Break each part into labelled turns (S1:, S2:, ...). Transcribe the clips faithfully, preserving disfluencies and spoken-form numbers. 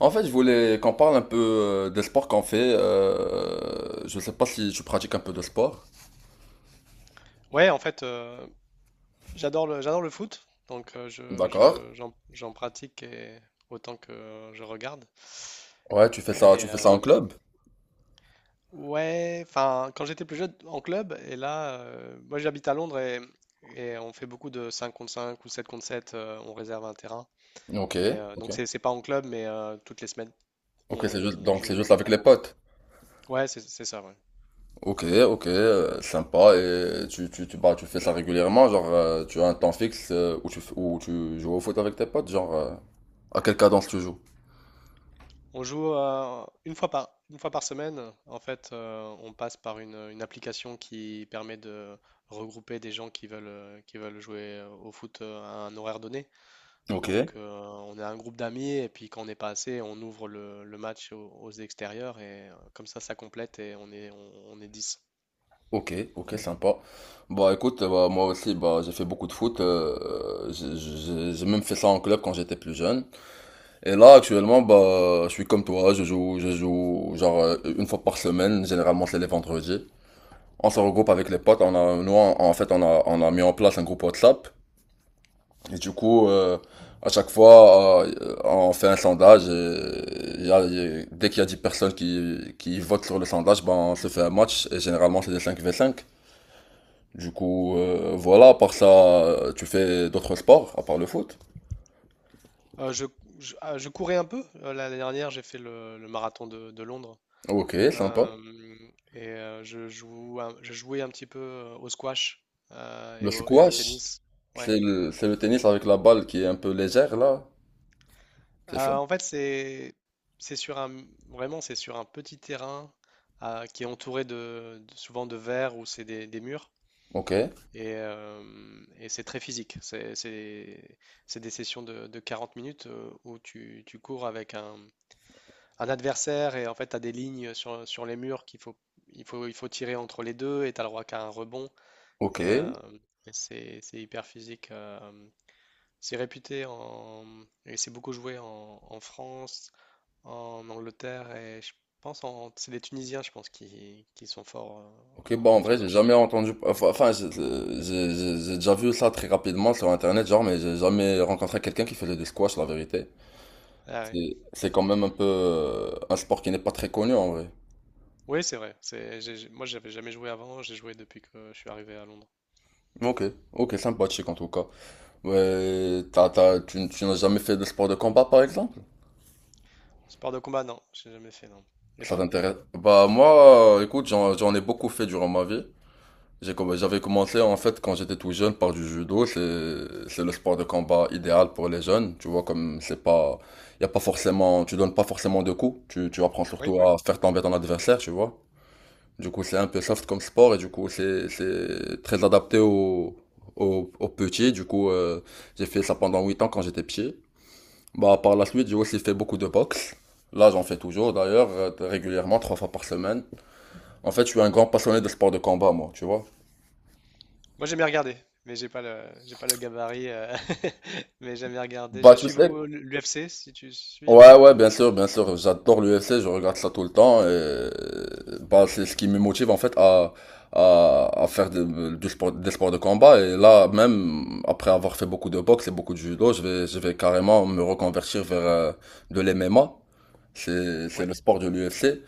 S1: En fait, je voulais qu'on parle un peu euh, des sports qu'on fait. Euh, je sais pas si tu pratiques un peu de sport.
S2: Ouais, en fait, euh, j'adore le, j'adore le foot, donc euh, je,
S1: D'accord.
S2: je- j'en, j'en pratique et- autant que je regarde.
S1: Ouais, tu fais ça,
S2: Et
S1: tu fais ça en
S2: euh,
S1: club?
S2: ouais, enfin, quand j'étais plus jeune en club, et là, euh, moi j'habite à Londres et, et on fait beaucoup de cinq contre cinq ou sept contre sept, euh, on réserve un terrain.
S1: Ok,
S2: Et euh,
S1: ok.
S2: donc c'est c'est pas en club, mais euh, toutes les semaines, on,
S1: Ok, c'est juste,
S2: on
S1: donc
S2: joue
S1: c'est
S2: au
S1: juste
S2: même
S1: avec
S2: endroit.
S1: les potes.
S2: Ouais, c'est c'est ça, ouais.
S1: Ok, ok, euh, sympa. Et tu, tu, tu, bah, tu fais ça régulièrement, genre euh, tu as un temps fixe euh, où tu, f- où tu joues au foot avec tes potes, genre euh, à quelle cadence tu joues?
S2: On joue euh, une fois par, une fois par semaine. En fait, euh, on passe par une, une application qui permet de regrouper des gens qui veulent, euh, qui veulent jouer euh, au foot euh, à un horaire donné.
S1: Ok,
S2: Donc, euh, on a un groupe d'amis et puis quand on n'est pas assez, on ouvre le, le match aux, aux extérieurs et euh, comme ça, ça complète et on est, on, on est dix.
S1: ok, ok, sympa. Bah écoute, bah, moi aussi, bah, j'ai fait beaucoup de foot. Euh, j'ai j'ai- j'ai même fait ça en club quand j'étais plus jeune. Et là, actuellement, bah, je suis comme toi, je joue, je joue, genre, euh, une fois par semaine, généralement c'est les vendredis. On se regroupe avec les potes, on a, nous, en en fait, on a, on a mis en place un groupe WhatsApp. Et du coup, euh, à chaque fois, euh, on fait un sondage et il y a- il y a- dès qu'il y a dix personnes qui, qui votent sur le sondage, ben, on se fait un match et généralement c'est des cinq v cinq. Du coup, euh, voilà, à part ça, euh, tu fais d'autres sports à part le foot.
S2: Euh, je, je- ah, je courais un peu. Euh, L'année dernière, j'ai fait le, le marathon de, de Londres.
S1: Ok, sympa.
S2: Euh, et euh, je joue, un- je jouais un petit peu euh, au squash euh, et
S1: Le
S2: au, et au
S1: squash,
S2: tennis. Ouais.
S1: c'est le, c'est le tennis avec la balle qui est un peu légère là, c'est ça?
S2: Euh, en fait, c'est c'est sur un vraiment c'est sur un petit terrain euh, qui est entouré de, de- souvent de verre ou c'est des, des murs
S1: Ok,
S2: et, euh, et c'est très physique. C'est c'est c'est des sessions de, de quarante minutes euh, où tu, tu cours avec un, un adversaire et en fait tu as des lignes sur, sur les murs qu'il faut il faut il faut tirer entre les deux et tu as le droit qu'à un rebond.
S1: ok,
S2: Et, euh, et c'est c'est hyper physique. Euh, c'est réputé en. Et c'est beaucoup joué en, en France, en Angleterre et je pense en. C'est les Tunisiens, je pense, qui, qui sont forts
S1: ok.
S2: euh,
S1: Bon,
S2: au,
S1: en
S2: au
S1: vrai, j'ai
S2: squash.
S1: jamais entendu. Enfin, enfin, j'ai j'ai- j'ai- j'ai déjà vu ça très rapidement sur Internet, genre, mais j'ai jamais rencontré quelqu'un qui faisait du squash, la vérité.
S2: Ah ouais.
S1: C'est c'est quand même un peu euh, un sport qui n'est pas très connu en vrai.
S2: Oui, c'est vrai. C'est, j'ai- j'ai- moi, j'avais jamais joué avant. J'ai joué depuis que je suis arrivé à Londres.
S1: Ok, ok, sympathique en tout cas. Ouais, t'as, t'as, tu, n- tu n'as jamais fait de sport de combat par exemple?
S2: Sport de combat, non, j'ai jamais fait, non. Et
S1: Ça
S2: toi?
S1: t'intéresse? Bah moi, euh, écoute, j'en, j'en ai beaucoup fait durant ma vie. J'ai comm- J'avais commencé en fait quand j'étais tout jeune par du judo, c'est c'est le sport de combat idéal pour les jeunes, tu vois comme c'est pas, y a pas forcément, tu donnes pas forcément de coups, tu tu apprends
S2: Oui,
S1: surtout
S2: oui.
S1: à faire tomber ton adversaire, tu vois. Du coup, c'est un peu soft comme sport et du coup, c'est c'est très adapté aux aux, aux petits. Du coup, euh, j'ai fait ça pendant huit ans quand j'étais petit. Bah par la suite, j'ai aussi fait beaucoup de boxe. Là, j'en fais toujours d'ailleurs euh, régulièrement trois fois par semaine. En fait, je suis un grand passionné de sport de combat moi, tu vois.
S2: Moi, j'aime bien regarder, mais j'ai pas le, j'ai pas le gabarit. Euh, mais j'aime bien regarder.
S1: Bah,
S2: Je
S1: tu
S2: suis
S1: sais,
S2: beaucoup l'U F C, si tu suis un
S1: ouais,
S2: petit
S1: ouais,
S2: peu.
S1: bien sûr, bien sûr. J'adore l'U F C, je regarde ça tout le temps. Et... euh, Bah, c'est ce qui me motive en fait à, à, à faire de- du sport, des sports de combat. Et là, même après avoir fait beaucoup de boxe et beaucoup de judo, je vais, je vais carrément me reconvertir vers euh, de l'M M A. C'est, c'est
S2: Oui,
S1: le sport de l'U F C.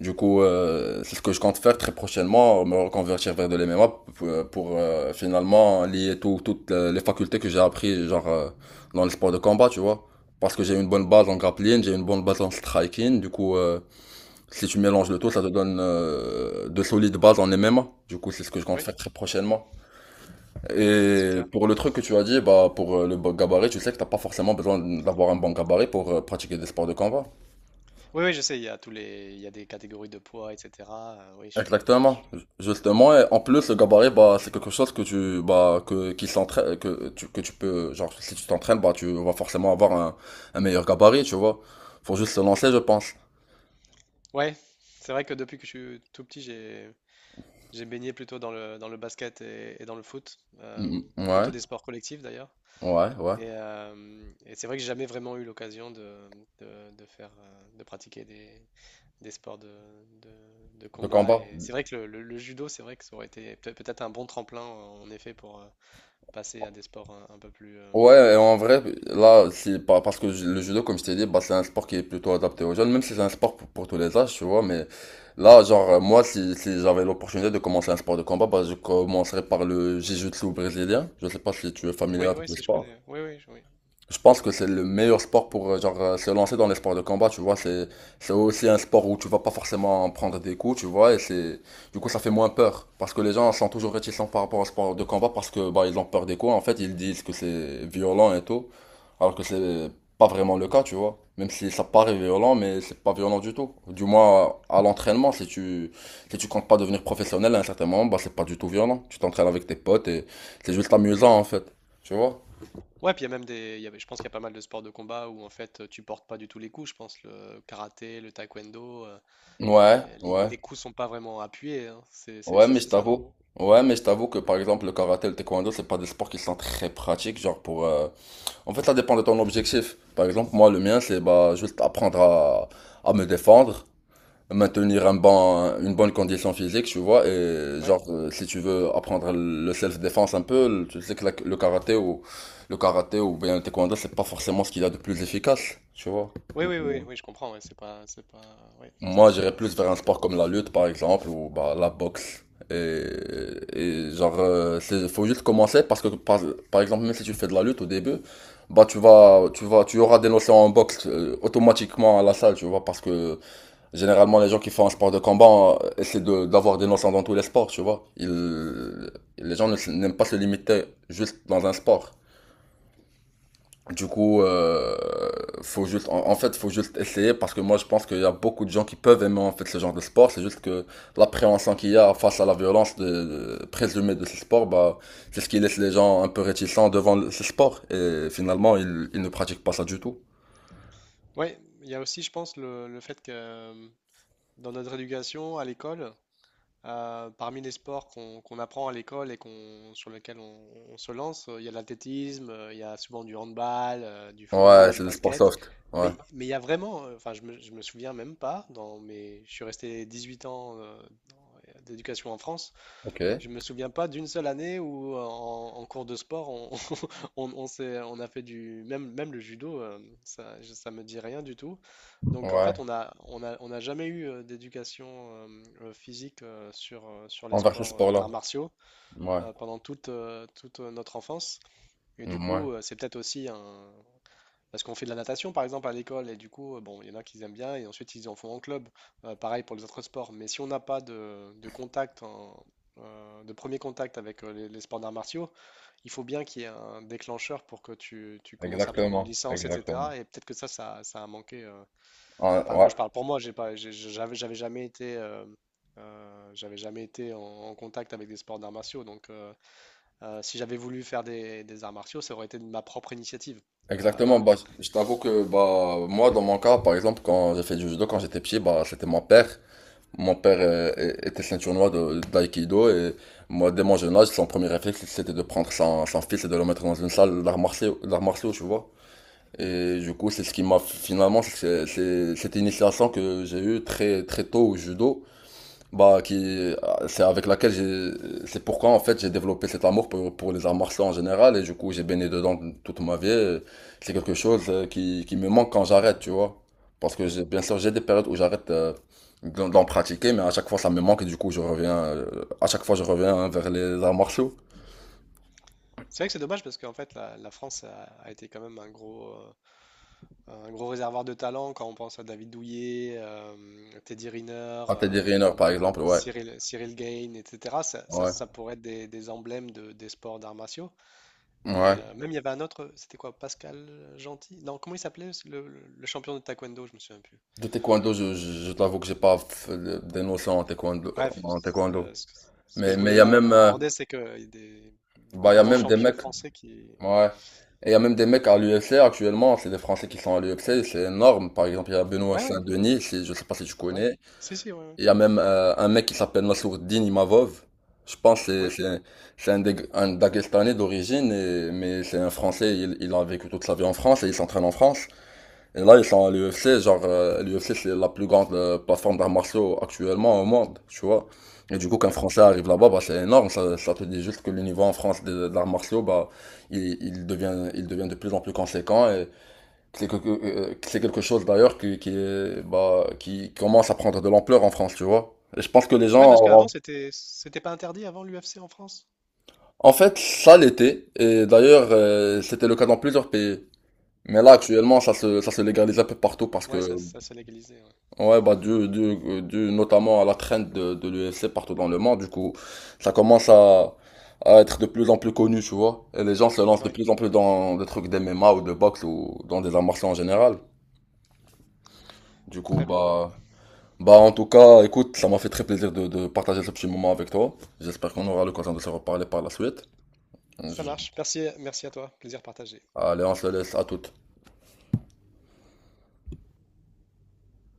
S1: Du coup, euh, c'est ce que je compte faire très prochainement, me reconvertir vers de l'M M A pour, euh, pour, euh, finalement lier tout- toutes les facultés que j'ai appris genre euh, dans le sport de combat, tu vois. Parce que j'ai une bonne base en grappling, j'ai une bonne base en striking. Du coup, euh, si tu mélanges le tout, ça te donne euh, de solides bases en M M A. Du coup, c'est ce que je compte
S2: oui,
S1: faire très prochainement. Et
S2: super.
S1: pour le truc que tu as dit, bah, pour euh, le bon gabarit, tu sais que t'as pas forcément besoin d'avoir un bon gabarit pour euh, pratiquer des sports de combat.
S2: Oui, oui, je sais, il y a tous les, il y a des catégories de poids, et cétéra euh, oui, je suis, oui, je
S1: Exactement.
S2: suis- ouais.
S1: Justement, et en plus, le gabarit, bah, c'est quelque chose que tu, bah, que, qui s'entraîne, que tu, que tu peux, genre, si tu t'entraînes, bah, tu vas forcément avoir un, un meilleur gabarit, tu vois. Faut juste se
S2: Mm.
S1: lancer, je pense.
S2: Ouais, c'est vrai que depuis que je suis tout petit, j'ai, j'ai baigné plutôt dans le, dans le basket et, et dans le foot, euh,
S1: Mm, mm,
S2: plutôt
S1: ouais,
S2: des sports collectifs d'ailleurs.
S1: ouais, ouais.
S2: Et, euh, et c'est vrai que j'ai jamais vraiment eu l'occasion de, de, de faire, euh, de pratiquer des, des sports de, de, de
S1: De
S2: combat.
S1: combat.
S2: Et c'est vrai que le, le- le judo, c'est vrai que ça aurait été peut- peut-être un bon tremplin en effet pour euh, passer à des sports un, un peu plus, euh,
S1: Ouais, et
S2: un
S1: en
S2: peu
S1: vrai,
S2: plus physiques.
S1: là, c'est pas parce que ju- le judo, comme je t'ai dit, bah, c'est un sport qui est plutôt adapté aux jeunes, même si c'est un sport pour, pour tous les âges, tu vois, mais là, genre, euh, moi, si, si j'avais l'opportunité de commencer un sport de combat, bah, je commencerais par le jiu-jitsu brésilien. Je sais pas si tu es familier
S2: Oui,
S1: avec
S2: oui,
S1: le
S2: si je
S1: sport.
S2: connais. Oui, oui, je- oui.
S1: Je pense que c'est le meilleur sport pour euh, genre euh, se lancer dans les sports de combat, tu vois, c'est c'est aussi un sport où tu vas pas forcément prendre des coups, tu vois, et c'est du coup ça fait moins peur parce que les gens sont toujours réticents par rapport au sport de combat parce que bah ils ont peur des coups en fait, ils disent que c'est violent et tout, alors que c'est pas vraiment le cas, tu vois. Même si ça paraît violent, mais c'est pas violent du tout. Du moins à l'entraînement, si tu si tu comptes pas devenir professionnel à un certain moment, bah c'est pas du tout violent. Tu t'entraînes avec tes potes et c'est juste amusant en fait, tu vois.
S2: Ouais, puis il y a même des. Il y avait- je pense qu'il y a pas mal de sports de combat où en fait tu portes pas du tout les coups. Je pense le karaté, le taekwondo, euh,
S1: Ouais,
S2: euh, les,
S1: ouais.
S2: les coups sont pas vraiment appuyés, hein. C'est c'est
S1: Ouais,
S2: ça,
S1: mais je
S2: c'est ça, non?
S1: t'avoue, ouais, mais je t'avoue que par exemple le karaté, et le taekwondo, c'est pas des sports qui sont très pratiques, genre pour. Euh, En fait, ça dépend de ton objectif. Par exemple, moi, le mien, c'est bah juste apprendre à, à me défendre, maintenir un bon, une bonne condition physique, tu vois, et
S2: Ouais.
S1: genre euh, si tu veux apprendre le self-défense un peu, le- tu sais que la- le karaté ou le karaté ou bien le taekwondo, c'est pas forcément ce qu'il y a de plus efficace, tu vois.
S2: Oui,
S1: Du
S2: oui, oui,
S1: coup,
S2: oui, je comprends. Ouais, c'est pas, c'est pas, ouais, c'est
S1: moi,
S2: pas,
S1: j'irais plus
S2: c'est
S1: vers un
S2: pas
S1: sport
S2: adapté.
S1: comme la lutte, par exemple, ou bah, la boxe. Et, et genre, euh, c'est- faut juste commencer parce que, par, par exemple, même si tu fais de la lutte au début, bah, tu vas, tu vas, tu auras des notions en boxe euh, automatiquement à la salle, tu vois, parce que généralement, les gens qui font un sport de combat euh, essaient de, d'avoir des notions dans tous les sports, tu vois. Ils, les gens ne s- n'aiment pas se limiter juste dans un sport. Du coup, euh, faut juste, en, en fait, faut juste essayer parce que moi, je pense qu'il y a beaucoup de gens qui peuvent aimer en fait ce genre de sport. C'est juste que l'appréhension qu'il y a face à la violence de, de- présumée de ce sport, bah, c'est ce qui laisse les gens un peu réticents devant le- ce sport. Et finalement, ils, ils ne pratiquent pas ça du tout.
S2: Ouais, il y a aussi, je pense, le, le fait que euh, dans notre éducation à l'école, Euh, parmi les sports qu'on qu'on apprend à l'école et qu'on, sur lesquels on, on se lance, euh, il y a l'athlétisme, euh, il y a souvent du handball, euh, du foot,
S1: Ouais,
S2: du
S1: c'est le sport
S2: basket.
S1: soft. Ouais.
S2: Mais, mais il y a vraiment, euh, enfin, je me, je me souviens même pas, dans mes, je suis resté dix-huit ans euh, dans- euh, d'éducation en France,
S1: Ok.
S2: je me souviens pas d'une seule année où euh, en, en cours de sport on, on, on s'est- on a fait du même même le judo euh, ça je- ça me dit rien du tout. Donc en fait
S1: Ouais.
S2: on a on a on n'a jamais eu euh, d'éducation euh, euh, physique euh, sur euh, sur les
S1: Envers ce
S2: sports euh,
S1: sport-là.
S2: d'arts martiaux
S1: Ouais.
S2: euh, pendant toute euh, toute euh, notre enfance et du
S1: Mm, ouais.
S2: coup euh, c'est peut-être aussi un parce qu'on fait de la natation, par exemple, à l'école, et du coup, euh, bon, il y en a qui aiment bien, et ensuite ils en font en club. Euh, pareil pour les autres sports. Mais si on n'a pas de, de contact, en- euh, de premier contact avec euh, les, les sports d'arts martiaux, il faut bien qu'il y ait un déclencheur pour que tu, tu commences à prendre une
S1: Exactement.
S2: licence,
S1: Exactement.
S2: et cétéra. Et peut-être que ça, ça, ça a manqué. Euh,
S1: Ouais,
S2: enfin, moi,
S1: ouais.
S2: je parle pour moi. J'ai pas, j'ai- j'avais, j'avais jamais été, euh, euh, j'avais jamais été en, en contact avec des sports d'arts martiaux. Donc, euh, euh, si j'avais voulu faire des, des arts martiaux, ça aurait été de ma propre initiative.
S1: Exactement,
S2: Euh,
S1: bah, je t'avoue que bah, moi, dans mon cas, par exemple, quand j'ai fait du judo, quand j'étais petit, bah, c'était mon père. Mon père euh, é- était ceinture noire de- d'aïkido et moi, dès mon jeune âge, son premier réflexe, c'était de prendre son, son fils et de le mettre dans une salle d'arts martiaux, d'arts martiaux, tu vois. Et du coup, c'est ce qui m'a finalement, c'est c'est- cette initiation que j'ai eue très, très tôt au judo. Bah, qui, euh, c'est avec laquelle j'ai, c'est pourquoi en fait j'ai développé cet amour pour, pour les arts martiaux en général et du coup j'ai baigné dedans toute ma vie. C'est quelque chose euh, qui, qui me manque quand j'arrête, tu vois. Parce que j'ai, bien sûr j'ai des périodes où j'arrête euh, d'en d'en pratiquer, mais à chaque fois ça me manque et du coup je reviens, euh, à chaque fois je reviens hein, vers les arts martiaux.
S2: C'est vrai que c'est dommage parce qu'en fait, la, la France a, a été quand même un gros, euh, un gros réservoir de talent quand on pense à David Douillet, euh, Teddy Riner,
S1: À Teddy
S2: euh,
S1: Riner par
S2: euh,
S1: exemple, ouais,
S2: Cyril, Cyril Gain, et cétéra. Ça, ça-
S1: ouais,
S2: ça pourrait être des, des emblèmes de, des sports d'arts martiaux. Et
S1: ouais.
S2: euh, même il y avait un autre, c'était quoi, Pascal Gentil? Non, comment il s'appelait le, le- le champion de taekwondo, je me souviens plus.
S1: De taekwondo, je, je, je t'avoue que j'ai pas fait de- des notions en taekwondo,
S2: Bref,
S1: en taekwondo.
S2: le- ce, que ce que
S1: Mais,
S2: je
S1: mais il y
S2: voulais
S1: a
S2: a-
S1: même, euh,
S2: aborder, c'est que il y a des, beaucoup
S1: bah, il y
S2: de
S1: a
S2: grands
S1: même des
S2: champions
S1: mecs.
S2: français qui.
S1: Ouais. Et il y a même des mecs à l'U F C actuellement, c'est des Français qui sont à l'U F C, c'est énorme. Par exemple, il y a Benoît
S2: Ouais, ouais,
S1: Saint-Denis, si, je sais pas si tu
S2: ouais.
S1: connais.
S2: Si, si, ouais, ouais.
S1: Il y a même euh, un mec qui s'appelle Nassourdine Imavov. Je pense que
S2: Oui,
S1: c'est c'est- c'est un, Dag- un Daguestanais d'origine, et- mais c'est un Français, il, il a vécu toute sa vie en France et il s'entraîne en France. Et là, ils sont à l'U F C, genre, l'U F C, c'est la plus grande euh, plateforme d'arts martiaux actuellement au monde, tu vois. Et du coup, qu'un
S2: ouais.
S1: Français arrive là-bas, bah, c'est énorme. Ça, ça te dit juste que le niveau en France des, des arts martiaux, bah, il, il devient, il devient de plus en plus conséquent. Et c'est que, que- euh, c'est quelque chose d'ailleurs qui, qui, est, bah, qui commence à prendre de l'ampleur en France, tu vois. Et je pense que les
S2: Ouais,
S1: gens
S2: parce qu'avant,
S1: auront...
S2: c'était c'était pas interdit avant l'U F C en France?
S1: En fait, ça l'était. Et d'ailleurs, euh, c'était le cas dans plusieurs pays. Mais là,
S2: D'accord.
S1: actuellement, ça se, ça se légalise un peu partout parce
S2: Ouais,
S1: que
S2: ça, ça s'est légalisé. Ouais,
S1: ouais, bah, dû, dû- dû notamment à la traîne de, de l'U F C partout dans le monde, du coup, ça commence à, à être de plus en plus connu, tu vois. Et les gens se lancent de
S2: Ouais,
S1: plus en plus dans des trucs d'M M A ou de boxe ou dans des arts martiaux en général. Du coup,
S2: très bien.
S1: bah, bah, en tout cas, écoute, ça m'a fait très plaisir de, de partager ce petit moment avec toi. J'espère qu'on aura l'occasion de se reparler par la suite.
S2: Ça
S1: Je-
S2: marche. Merci, merci à toi. Plaisir partagé.
S1: allez, on se laisse à toutes.